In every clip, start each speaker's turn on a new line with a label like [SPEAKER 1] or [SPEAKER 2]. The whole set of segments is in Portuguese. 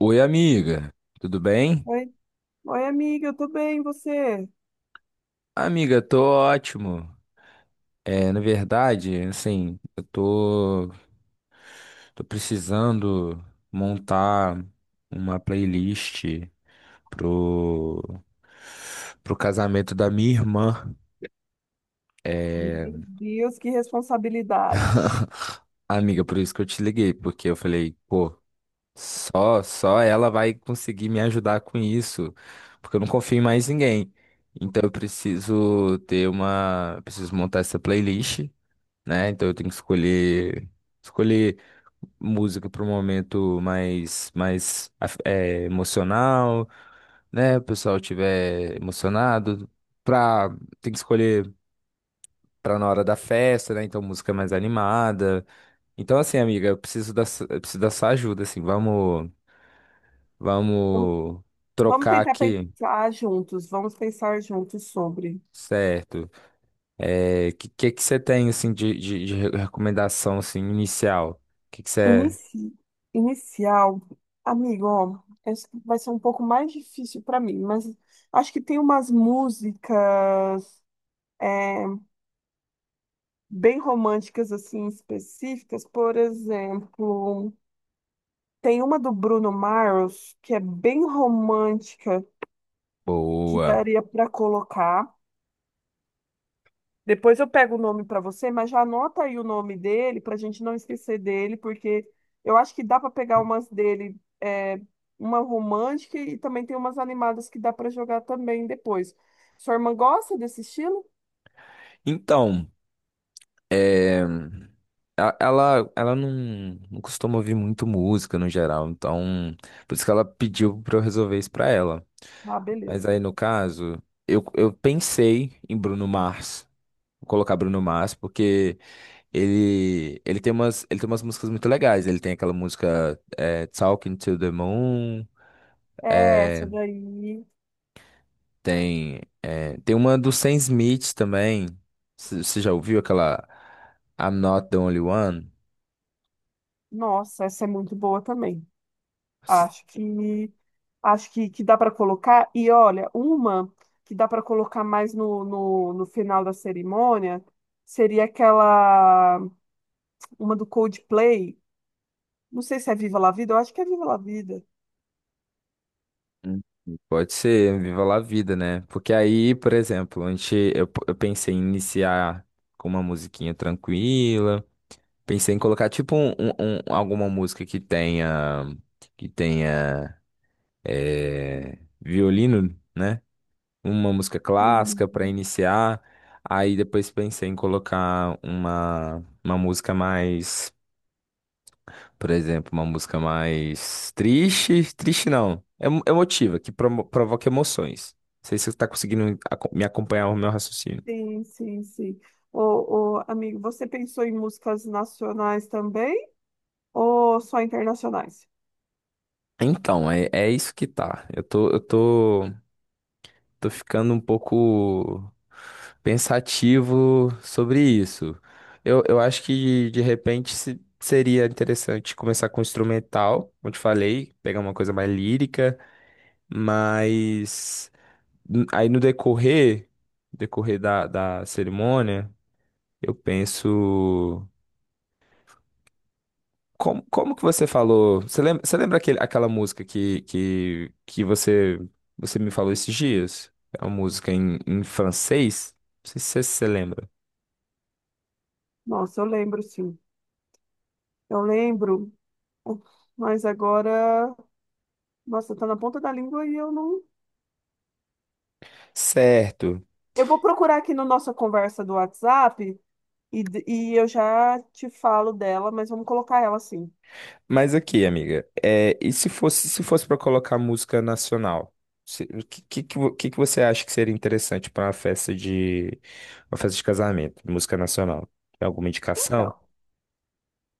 [SPEAKER 1] Oi, amiga, tudo bem?
[SPEAKER 2] Oi, oi, amiga, eu tô bem, e você?
[SPEAKER 1] Amiga, tô ótimo. Na verdade, assim, tô precisando montar uma playlist pro, pro casamento da minha irmã.
[SPEAKER 2] Meu
[SPEAKER 1] É...
[SPEAKER 2] Deus, que responsabilidade.
[SPEAKER 1] Amiga, por isso que eu te liguei, porque eu falei, pô, só ela vai conseguir me ajudar com isso, porque eu não confio em mais ninguém. Então eu preciso ter uma, preciso montar essa playlist, né? Então eu tenho que escolher música para um momento mais emocional, né? O pessoal tiver emocionado, pra, tem que escolher para na hora da festa, né? Então música mais animada. Então assim, amiga, eu preciso da sua ajuda, assim, vamos
[SPEAKER 2] Vamos
[SPEAKER 1] Vamos
[SPEAKER 2] vamos
[SPEAKER 1] trocar
[SPEAKER 2] tentar
[SPEAKER 1] aqui,
[SPEAKER 2] pensar juntos, vamos pensar juntos sobre.
[SPEAKER 1] certo? Que você tem assim de recomendação assim inicial? Que você
[SPEAKER 2] Inici... Inicial, amigo, ó, essa vai ser um pouco mais difícil pra mim, mas acho que tem umas músicas é, bem românticas, assim, específicas. Por exemplo, tem uma do Bruno Mars que é bem romântica, que
[SPEAKER 1] Boa.
[SPEAKER 2] daria pra colocar. Depois eu pego o nome para você, mas já anota aí o nome dele para a gente não esquecer dele, porque eu acho que dá para pegar umas dele, é, uma romântica e também tem umas animadas que dá para jogar também depois. Sua irmã gosta desse estilo?
[SPEAKER 1] Então, é, ela não, não costuma ouvir muito música no geral, então por isso que ela pediu pra eu resolver isso pra ela.
[SPEAKER 2] Ah,
[SPEAKER 1] Mas
[SPEAKER 2] beleza.
[SPEAKER 1] aí no caso, eu pensei em Bruno Mars. Vou colocar Bruno Mars, porque ele tem umas músicas muito legais. Ele tem aquela música Talking to the Moon,
[SPEAKER 2] É, essa
[SPEAKER 1] é,
[SPEAKER 2] daí.
[SPEAKER 1] tem uma do Sam Smith também. Você já ouviu aquela I'm Not the Only One?
[SPEAKER 2] Nossa, essa é muito boa também.
[SPEAKER 1] S-
[SPEAKER 2] Acho que acho que dá para colocar. E olha, uma que dá para colocar mais no final da cerimônia seria aquela. Uma do Coldplay. Não sei se é Viva La Vida, eu acho que é Viva La Vida.
[SPEAKER 1] Pode ser, viva lá a vida, né? Porque aí, por exemplo, eu pensei em iniciar com uma musiquinha tranquila. Pensei em colocar tipo alguma música que tenha violino, né? Uma música
[SPEAKER 2] Sim.
[SPEAKER 1] clássica para iniciar. Aí depois pensei em colocar uma música mais, por exemplo, uma música mais triste, triste não, é emotiva, que provoca emoções. Não sei se você está conseguindo me acompanhar o meu raciocínio.
[SPEAKER 2] Sim, sim, sim. Ô, ô, amigo, você pensou em músicas nacionais também ou só internacionais?
[SPEAKER 1] Então, é isso que tá. Eu tô, eu tô. Tô ficando um pouco pensativo sobre isso. Eu acho que de repente seria interessante começar com instrumental, como eu te falei, pegar uma coisa mais lírica, mas aí no decorrer, decorrer da cerimônia, eu penso. Como que você falou? Você lembra aquela música que você me falou esses dias? É uma música em francês? Não sei se você lembra.
[SPEAKER 2] Nossa, eu lembro, sim. Eu lembro, mas agora, nossa, tá na ponta da língua e eu não.
[SPEAKER 1] Certo.
[SPEAKER 2] Eu vou procurar aqui na nossa conversa do WhatsApp e eu já te falo dela, mas vamos colocar ela assim.
[SPEAKER 1] Mas aqui, amiga, e se fosse para colocar música nacional? O que você acha que seria interessante para uma festa uma festa de casamento, música nacional? Tem alguma indicação?
[SPEAKER 2] Então.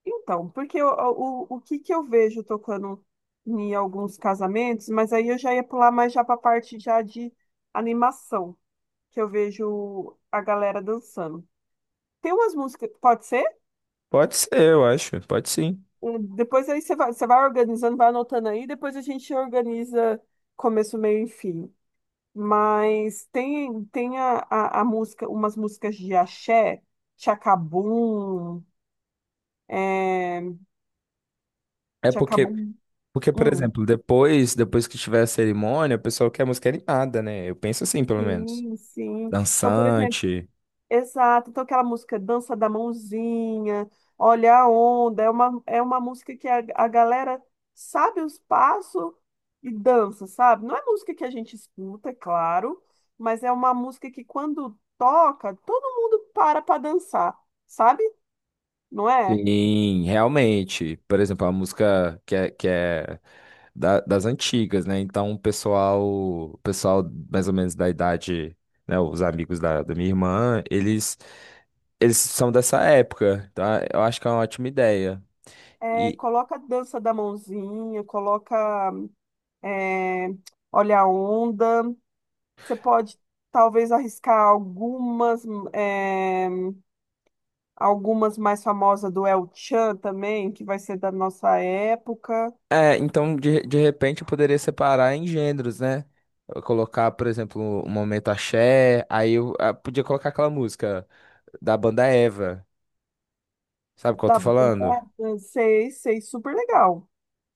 [SPEAKER 2] Então, que eu vejo tocando em alguns casamentos, mas aí eu já ia pular mais já para a parte já de animação, que eu vejo a galera dançando. Tem umas músicas, pode ser?
[SPEAKER 1] Pode ser, eu acho. Pode sim.
[SPEAKER 2] Depois aí você vai organizando, vai anotando aí, depois a gente organiza começo, meio e fim. Mas tem, tem umas músicas de axé, Tchacabum, é,
[SPEAKER 1] É porque
[SPEAKER 2] Tchacabum,
[SPEAKER 1] Porque, por
[SPEAKER 2] hum,
[SPEAKER 1] exemplo, depois que tiver a cerimônia, o pessoal quer música animada, né? Eu penso assim, pelo menos.
[SPEAKER 2] sim, sim. Então, por exemplo,
[SPEAKER 1] Dançante.
[SPEAKER 2] exato, então aquela música Dança da Mãozinha, Olha a Onda, é uma música que a galera sabe os passos e dança, sabe? Não é música que a gente escuta, é claro, mas é uma música que quando toca, todo mundo para dançar, sabe? Não é?
[SPEAKER 1] Sim, realmente. Por exemplo, a música que é das antigas, né? Então, o pessoal mais ou menos da idade, né? Os amigos da minha irmã, eles são dessa época, tá? Eu acho que é uma ótima ideia.
[SPEAKER 2] É, coloca Dança da Mãozinha, coloca é, Olha a Onda, você pode talvez arriscar algumas. é, Algumas mais famosas do El Chan também, que vai ser da nossa época,
[SPEAKER 1] É, então de repente eu poderia separar em gêneros, né? Eu colocar, por exemplo, um momento axé, aí eu ah, podia colocar aquela música da banda Eva, sabe qual eu
[SPEAKER 2] da
[SPEAKER 1] tô falando?
[SPEAKER 2] banda, sei, sei, super legal.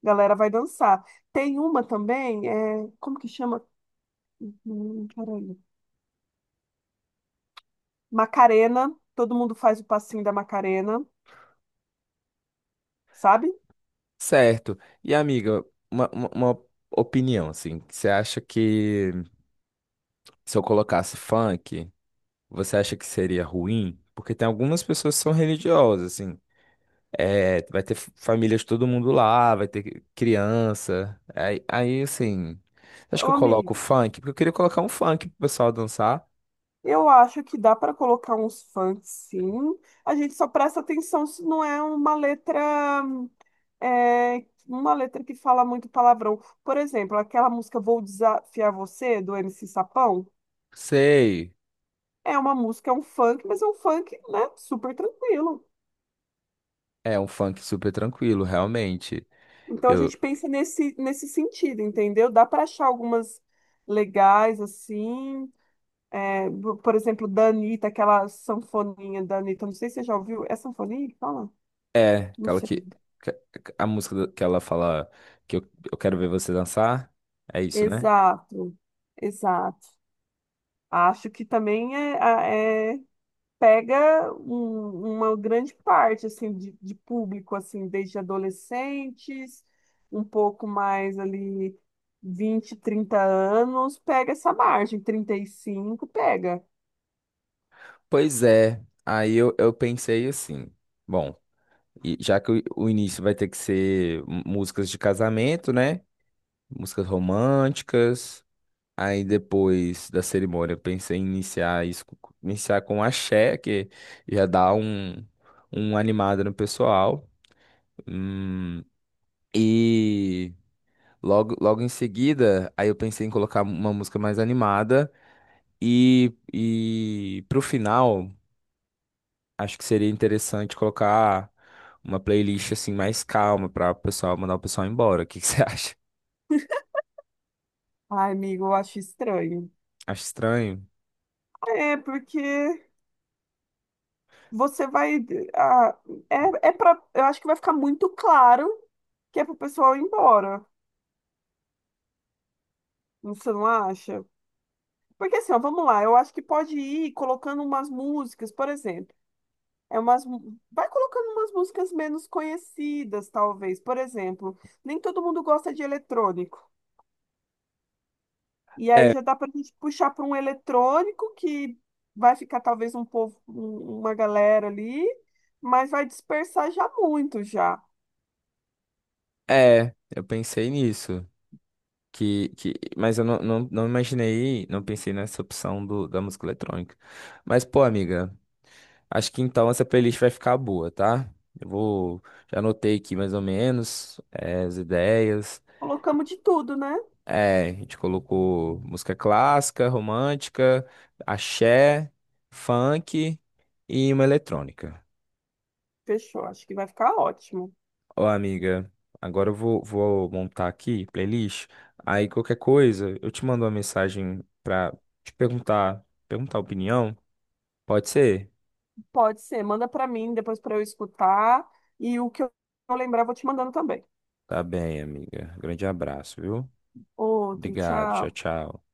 [SPEAKER 2] Galera vai dançar. Tem uma também, é, como que chama? Peraí. Macarena, todo mundo faz o passinho da Macarena, sabe?
[SPEAKER 1] Certo. E amiga, uma opinião, assim, você acha que se eu colocasse funk, você acha que seria ruim? Porque tem algumas pessoas que são religiosas, assim, é, vai ter famílias, de todo mundo lá, vai ter criança. Aí assim, acho que
[SPEAKER 2] Ô,
[SPEAKER 1] eu
[SPEAKER 2] amigo,
[SPEAKER 1] coloco funk, porque eu queria colocar um funk pro pessoal dançar.
[SPEAKER 2] eu acho que dá para colocar uns funk, sim. A gente só presta atenção se não é uma letra, é, uma letra que fala muito palavrão. Por exemplo, aquela música Vou Desafiar Você, do MC Sapão,
[SPEAKER 1] Sei,
[SPEAKER 2] é uma música, é um funk, mas é um funk, né, super tranquilo.
[SPEAKER 1] é um funk super tranquilo, realmente.
[SPEAKER 2] Então a
[SPEAKER 1] Eu,
[SPEAKER 2] gente pensa nesse sentido, entendeu? Dá para achar algumas legais, assim. É, por exemplo, da Anitta, aquela sanfoninha da Anitta, não sei se você já ouviu. É sanfoninha que fala? Não
[SPEAKER 1] aquela
[SPEAKER 2] sei.
[SPEAKER 1] que a música que ela fala que eu, eu quero ver você dançar, é isso, né?
[SPEAKER 2] Exato, exato. Acho que também é, pega uma grande parte assim de público assim, desde adolescentes, um pouco mais ali 20, 30 anos, pega essa margem, 35 pega.
[SPEAKER 1] Pois é, eu pensei assim, bom, e já que o início vai ter que ser músicas de casamento, né? Músicas românticas. Aí depois da cerimônia, eu pensei em iniciar isso, iniciar com axé, que já dá um animado no pessoal. Hum, e logo em seguida, aí eu pensei em colocar uma música mais animada. E pro final, acho que seria interessante colocar uma playlist assim mais calma para o pessoal mandar o pessoal embora. O que que você acha?
[SPEAKER 2] Ai, amigo, eu acho estranho.
[SPEAKER 1] Acho estranho.
[SPEAKER 2] É porque você vai ah, é para eu acho que vai ficar muito claro que é pro pessoal ir embora. Você não acha? Porque assim, ó, vamos lá, eu acho que pode ir colocando umas músicas, por exemplo. É vai colocando umas músicas menos conhecidas, talvez. Por exemplo, nem todo mundo gosta de eletrônico. E aí
[SPEAKER 1] É,
[SPEAKER 2] já dá pra gente puxar para um eletrônico que vai ficar talvez um povo, uma galera ali, mas vai dispersar já muito já.
[SPEAKER 1] eu pensei nisso. Mas eu não imaginei, não pensei nessa opção da música eletrônica. Mas, pô, amiga, acho que então essa playlist vai ficar boa, tá? Eu vou. Já anotei aqui mais ou menos as ideias.
[SPEAKER 2] Colocamos de tudo, né?
[SPEAKER 1] É, a gente colocou música clássica, romântica, axé, funk e uma eletrônica.
[SPEAKER 2] Fechou, acho que vai ficar ótimo.
[SPEAKER 1] Ó, amiga, agora vou montar aqui playlist. Aí qualquer coisa, eu te mando uma mensagem pra te perguntar a opinião. Pode ser?
[SPEAKER 2] Pode ser, manda pra mim depois pra eu escutar e o que eu lembrar eu vou te mandando também.
[SPEAKER 1] Tá bem, amiga. Grande abraço, viu?
[SPEAKER 2] Outro,
[SPEAKER 1] Obrigado. Tchau,
[SPEAKER 2] tchau.
[SPEAKER 1] tchau.